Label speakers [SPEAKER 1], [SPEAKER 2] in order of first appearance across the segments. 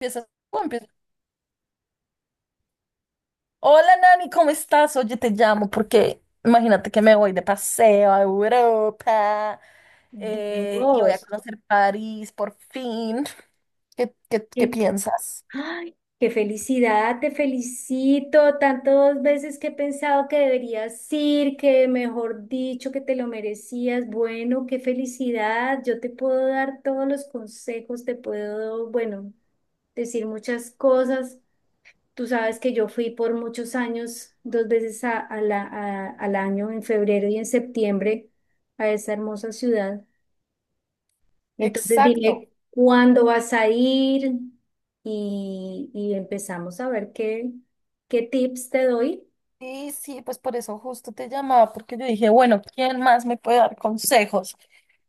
[SPEAKER 1] Empiezas tú, hola Nani, ¿cómo estás? Oye, te llamo porque imagínate que me voy de paseo a Europa y voy a
[SPEAKER 2] Dios,
[SPEAKER 1] conocer París por fin. ¿Qué
[SPEAKER 2] qué,
[SPEAKER 1] piensas?
[SPEAKER 2] ay, qué felicidad, te felicito. Tantas veces que he pensado que deberías ir, que mejor dicho, que te lo merecías. Bueno, qué felicidad. Yo te puedo dar todos los consejos, te puedo, bueno, decir muchas cosas. Tú sabes que yo fui por muchos años, dos veces al año, en febrero y en septiembre, a esa hermosa ciudad. Entonces dime
[SPEAKER 1] Exacto.
[SPEAKER 2] cuándo vas a ir y empezamos a ver qué, qué tips te doy.
[SPEAKER 1] Sí, sí, pues por eso justo te llamaba, porque yo dije, bueno, ¿quién más me puede dar consejos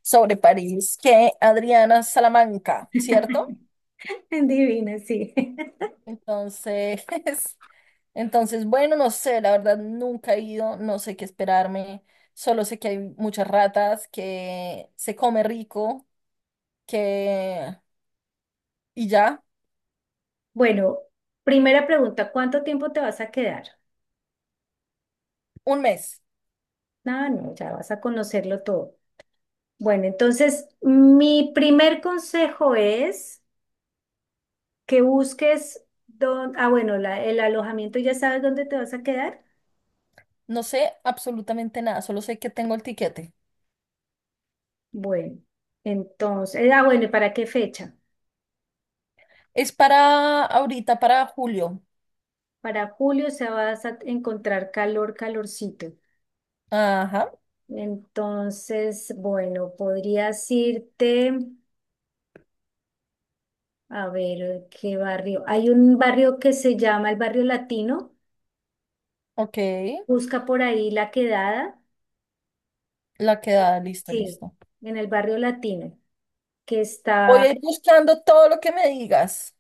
[SPEAKER 1] sobre París que Adriana Salamanca, ¿cierto?
[SPEAKER 2] Divina, sí.
[SPEAKER 1] Entonces, entonces, bueno, no sé, la verdad nunca he ido, no sé qué esperarme, solo sé que hay muchas ratas, que se come rico, que... y ya,
[SPEAKER 2] Bueno, primera pregunta, ¿cuánto tiempo te vas a quedar?
[SPEAKER 1] un mes,
[SPEAKER 2] Ah, no, ya vas a conocerlo todo. Bueno, entonces mi primer consejo es que busques el alojamiento, ¿ya sabes dónde te vas a quedar?
[SPEAKER 1] no sé absolutamente nada, solo sé que tengo el tiquete.
[SPEAKER 2] Bueno, entonces, bueno, ¿y para qué fecha?
[SPEAKER 1] Es para ahorita, para julio.
[SPEAKER 2] Para julio se vas a encontrar calor, calorcito.
[SPEAKER 1] Ajá,
[SPEAKER 2] Entonces, bueno, podrías irte a ver qué barrio. Hay un barrio que se llama el Barrio Latino.
[SPEAKER 1] ok.
[SPEAKER 2] Busca por ahí la quedada.
[SPEAKER 1] La quedada, listo,
[SPEAKER 2] Sí,
[SPEAKER 1] listo.
[SPEAKER 2] en el Barrio Latino, que
[SPEAKER 1] Voy
[SPEAKER 2] está,
[SPEAKER 1] a ir buscando todo lo que me digas.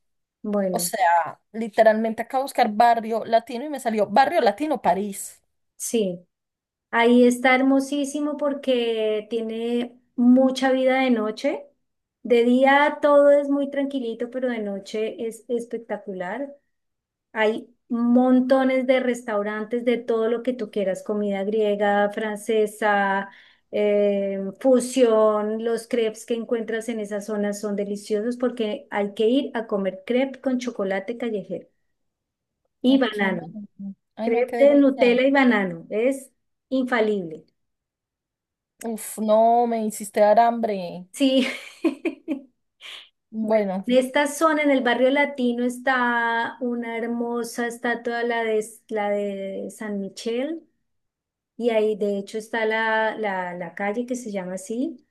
[SPEAKER 1] O
[SPEAKER 2] bueno,
[SPEAKER 1] sea, literalmente acabo de buscar barrio latino y me salió barrio latino París.
[SPEAKER 2] sí. Ahí está hermosísimo porque tiene mucha vida de noche. De día todo es muy tranquilito, pero de noche es espectacular. Hay montones de restaurantes de todo lo que tú quieras, comida griega, francesa, fusión. Los crepes que encuentras en esa zona son deliciosos porque hay que ir a comer crepe con chocolate callejero y
[SPEAKER 1] Ok.
[SPEAKER 2] banano.
[SPEAKER 1] Ay, no, qué
[SPEAKER 2] Crepe de
[SPEAKER 1] delicia.
[SPEAKER 2] Nutella y banano, es infalible.
[SPEAKER 1] Uf, no, me hiciste dar hambre.
[SPEAKER 2] Sí. Bueno,
[SPEAKER 1] Bueno.
[SPEAKER 2] en esta zona, en el barrio latino, está una hermosa estatua, la de San Michel. Y ahí de hecho está la calle que se llama así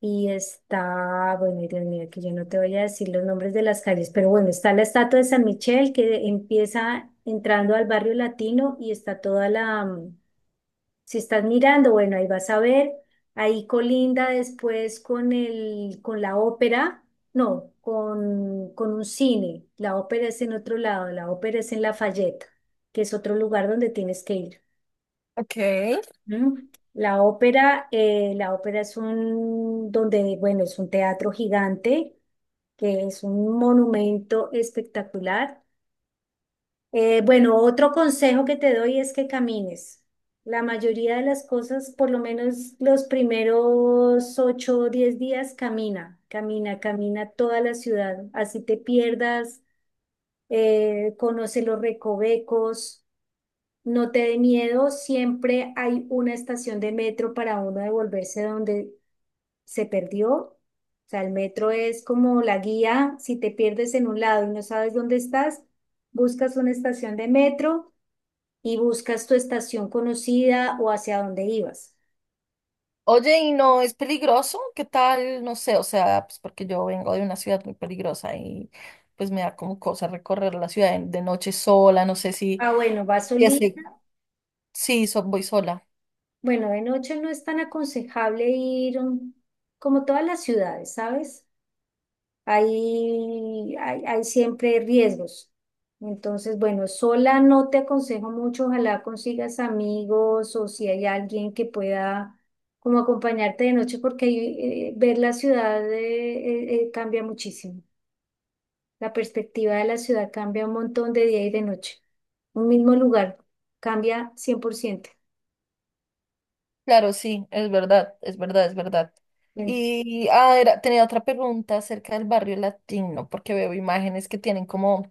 [SPEAKER 2] y está, bueno, Dios mío, que yo no te voy a decir los nombres de las calles, pero bueno, está la estatua de San Michel que empieza entrando al barrio latino y está toda la. Si estás mirando, bueno, ahí vas a ver, ahí colinda después con con la ópera, no, con un cine, la ópera es en otro lado, la ópera es en Lafayette, que es otro lugar donde tienes que ir.
[SPEAKER 1] Ok.
[SPEAKER 2] ¿Mm? La ópera es un, donde, bueno, es un teatro gigante, que es un monumento espectacular. Bueno, otro consejo que te doy es que camines. La mayoría de las cosas, por lo menos los primeros ocho o 10 días, camina, camina, camina toda la ciudad. Así te pierdas, conoce los recovecos. No te dé miedo, siempre hay una estación de metro para uno devolverse donde se perdió. O sea, el metro es como la guía, si te pierdes en un lado y no sabes dónde estás, buscas una estación de metro y buscas tu estación conocida o hacia dónde ibas.
[SPEAKER 1] Oye, ¿y no es peligroso? ¿Qué tal? No sé, o sea, pues porque yo vengo de una ciudad muy peligrosa y pues me da como cosa recorrer la ciudad de noche sola, no sé si...
[SPEAKER 2] Ah, bueno, vas
[SPEAKER 1] Ya sé,
[SPEAKER 2] solita.
[SPEAKER 1] sí, voy sola.
[SPEAKER 2] Bueno, de noche no es tan aconsejable ir, como todas las ciudades, ¿sabes? Hay siempre riesgos. Entonces, bueno, sola no te aconsejo mucho, ojalá consigas amigos o si hay alguien que pueda como acompañarte de noche, porque ahí, ver la ciudad cambia muchísimo. La perspectiva de la ciudad cambia un montón de día y de noche. Un mismo lugar cambia 100%.
[SPEAKER 1] Claro, sí, es verdad, es verdad, es verdad. Tenía otra pregunta acerca del barrio latino, porque veo imágenes que tienen como,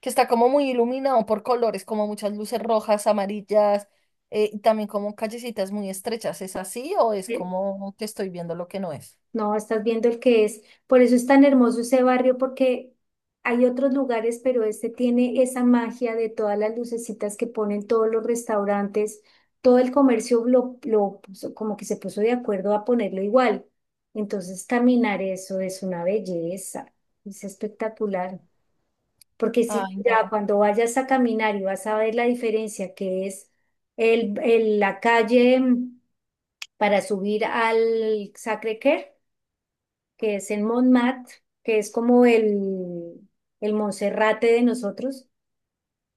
[SPEAKER 1] que está como muy iluminado por colores, como muchas luces rojas, amarillas, y también como callecitas muy estrechas. ¿Es así o es
[SPEAKER 2] Bien.
[SPEAKER 1] como que estoy viendo lo que no es?
[SPEAKER 2] No, estás viendo el que es. Por eso es tan hermoso ese barrio, porque hay otros lugares, pero este tiene esa magia de todas las lucecitas que ponen todos los restaurantes, todo el comercio lo puso- como que se puso de acuerdo a ponerlo igual. Entonces, caminar eso es una belleza, es espectacular. Porque si
[SPEAKER 1] Ay,
[SPEAKER 2] ya
[SPEAKER 1] no.
[SPEAKER 2] cuando vayas a caminar y vas a ver la diferencia que es la calle mm, para subir al Sacré-Cœur, que es en Montmartre, que es como el Monserrate de nosotros.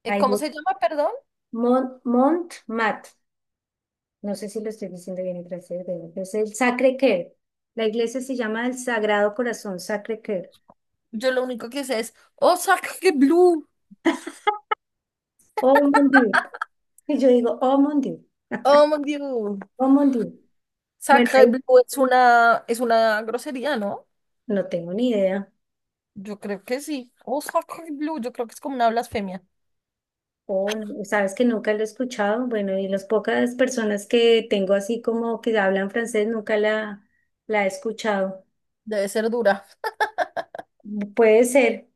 [SPEAKER 2] Ahí
[SPEAKER 1] ¿Cómo se
[SPEAKER 2] es
[SPEAKER 1] llama, perdón?
[SPEAKER 2] Mont, Montmartre, no sé si lo estoy diciendo bien en francés, pero es el Sacré-Cœur. La iglesia se llama el Sagrado Corazón Sacré-Cœur.
[SPEAKER 1] Yo lo único que sé es, oh, Sacre Blue.
[SPEAKER 2] Oh mon Dieu. Y yo digo, oh mon Dieu,
[SPEAKER 1] Oh, mon Dieu.
[SPEAKER 2] oh mon Dieu. Bueno,
[SPEAKER 1] Sacre
[SPEAKER 2] ahí
[SPEAKER 1] Blue es una grosería, ¿no?
[SPEAKER 2] no tengo ni idea.
[SPEAKER 1] Yo creo que sí. Osaka Blue, yo creo que es como una blasfemia.
[SPEAKER 2] Oh, no, sabes que nunca lo he escuchado. Bueno, y las pocas personas que tengo así como que hablan francés nunca la he escuchado.
[SPEAKER 1] Debe ser dura.
[SPEAKER 2] Puede ser.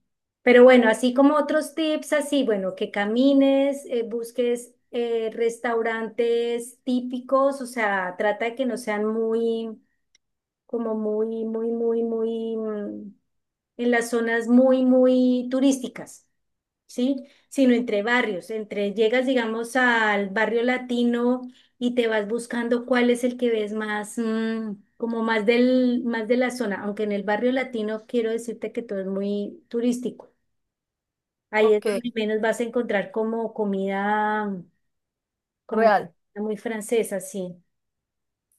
[SPEAKER 2] Pero bueno, así como otros tips, así, bueno, que camines, busques restaurantes típicos, o sea, trata de que no sean muy, como muy, muy, muy, muy, en las zonas muy, muy turísticas. ¿Sí? Sino entre barrios, entre llegas, digamos, al barrio latino y te vas buscando cuál es el que ves más, mm, como más del, más de la zona, aunque en el barrio latino quiero decirte que todo es muy turístico. Ahí es
[SPEAKER 1] Ok,
[SPEAKER 2] donde menos vas a encontrar como comida, como
[SPEAKER 1] real.
[SPEAKER 2] muy francesa, sí.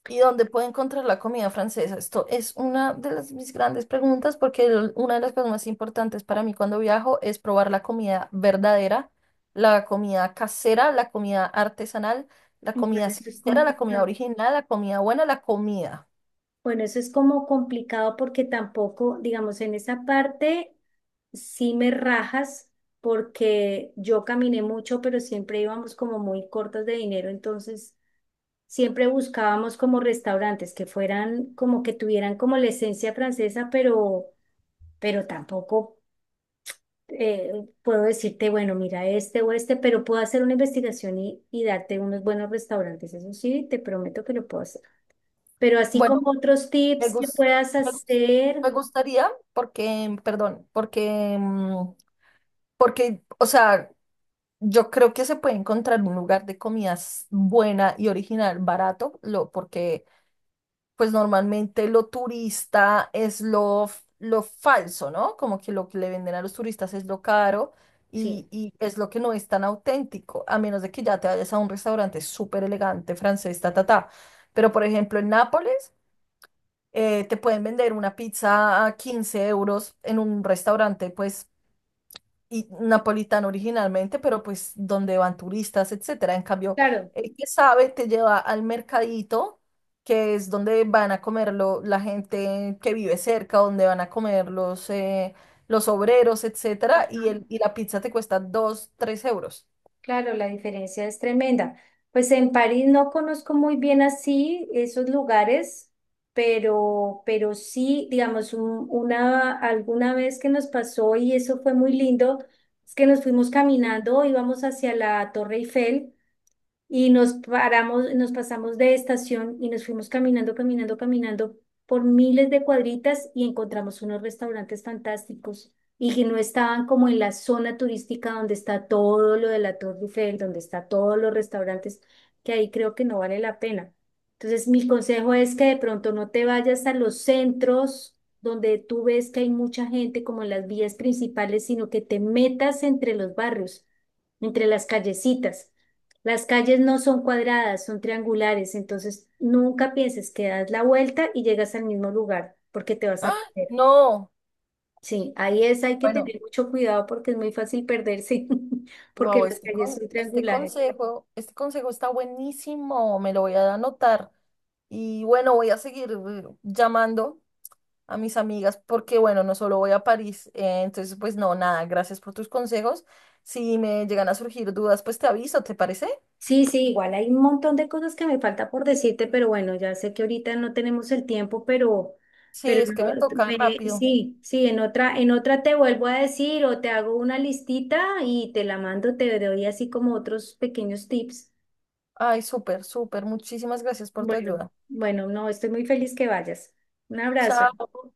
[SPEAKER 1] ¿Y dónde puedo encontrar la comida francesa? Esto es una de las, mis grandes preguntas porque una de las cosas más importantes para mí cuando viajo es probar la comida verdadera, la comida casera, la comida artesanal, la
[SPEAKER 2] Bueno,
[SPEAKER 1] comida
[SPEAKER 2] eso es
[SPEAKER 1] sincera, la comida
[SPEAKER 2] complicado.
[SPEAKER 1] original, la comida buena, la comida.
[SPEAKER 2] Bueno, eso es como complicado porque tampoco, digamos, en esa parte sí me rajas porque yo caminé mucho, pero siempre íbamos como muy cortas de dinero, entonces siempre buscábamos como restaurantes que fueran como que tuvieran como la esencia francesa, pero tampoco eh, puedo decirte, bueno, mira este o este, pero puedo hacer una investigación y darte unos buenos restaurantes, eso sí, te prometo que lo puedo hacer. Pero así
[SPEAKER 1] Bueno,
[SPEAKER 2] como otros
[SPEAKER 1] me
[SPEAKER 2] tips que
[SPEAKER 1] gus-
[SPEAKER 2] puedas
[SPEAKER 1] me gus-
[SPEAKER 2] hacer,
[SPEAKER 1] me gustaría porque, perdón, porque, o sea, yo creo que se puede encontrar un lugar de comidas buena y original, barato, lo, porque pues normalmente lo turista es lo falso, ¿no? Como que lo que le venden a los turistas es lo caro
[SPEAKER 2] sí,
[SPEAKER 1] y es lo que no es tan auténtico, a menos de que ya te vayas a un restaurante súper elegante francés, ta, ta, ta. Pero por ejemplo en Nápoles te pueden vender una pizza a 15 euros en un restaurante pues y napolitano originalmente, pero pues donde van turistas, etcétera. En cambio,
[SPEAKER 2] claro.
[SPEAKER 1] el que sabe te lleva al mercadito, que es donde van a comerlo la gente que vive cerca, donde van a comer los obreros, etcétera, y,
[SPEAKER 2] Ajá.
[SPEAKER 1] el, y la pizza te cuesta 2 3 euros.
[SPEAKER 2] Claro, la diferencia es tremenda. Pues en París no conozco muy bien así esos lugares, pero sí, digamos, alguna vez que nos pasó y eso fue muy lindo, es que nos fuimos caminando, íbamos hacia la Torre Eiffel y nos paramos, nos pasamos de estación y nos fuimos caminando, caminando, caminando por miles de cuadritas y encontramos unos restaurantes fantásticos y que no estaban como en la zona turística donde está todo lo de la Torre Eiffel, donde está todos los restaurantes, que ahí creo que no vale la pena. Entonces, mi consejo es que de pronto no te vayas a los centros donde tú ves que hay mucha gente como en las vías principales, sino que te metas entre los barrios, entre las callecitas las calles no son cuadradas, son triangulares, entonces nunca pienses que das la vuelta y llegas al mismo lugar porque te vas a
[SPEAKER 1] ¡Ah!
[SPEAKER 2] perder.
[SPEAKER 1] No,
[SPEAKER 2] Sí, ahí es, hay que
[SPEAKER 1] bueno,
[SPEAKER 2] tener mucho cuidado porque es muy fácil perderse, porque
[SPEAKER 1] wow,
[SPEAKER 2] las calles son triangulares.
[SPEAKER 1] este consejo está buenísimo, me lo voy a anotar. Y bueno, voy a seguir llamando a mis amigas porque, bueno, no solo voy a París. Entonces, pues no, nada, gracias por tus consejos. Si me llegan a surgir dudas, pues te aviso, ¿te parece?
[SPEAKER 2] Sí, sí, igual hay un montón de cosas que me falta por decirte, pero bueno, ya sé que ahorita no tenemos el tiempo,
[SPEAKER 1] Sí,
[SPEAKER 2] pero
[SPEAKER 1] es que me
[SPEAKER 2] no,
[SPEAKER 1] toca
[SPEAKER 2] me-
[SPEAKER 1] rápido.
[SPEAKER 2] sí, sí, en otra te vuelvo a decir o te hago una listita y te la mando, te doy así como otros pequeños tips.
[SPEAKER 1] Ay, súper, súper. Muchísimas gracias por tu
[SPEAKER 2] Bueno,
[SPEAKER 1] ayuda.
[SPEAKER 2] bueno, no, estoy muy feliz que vayas. Un abrazo.
[SPEAKER 1] Chao.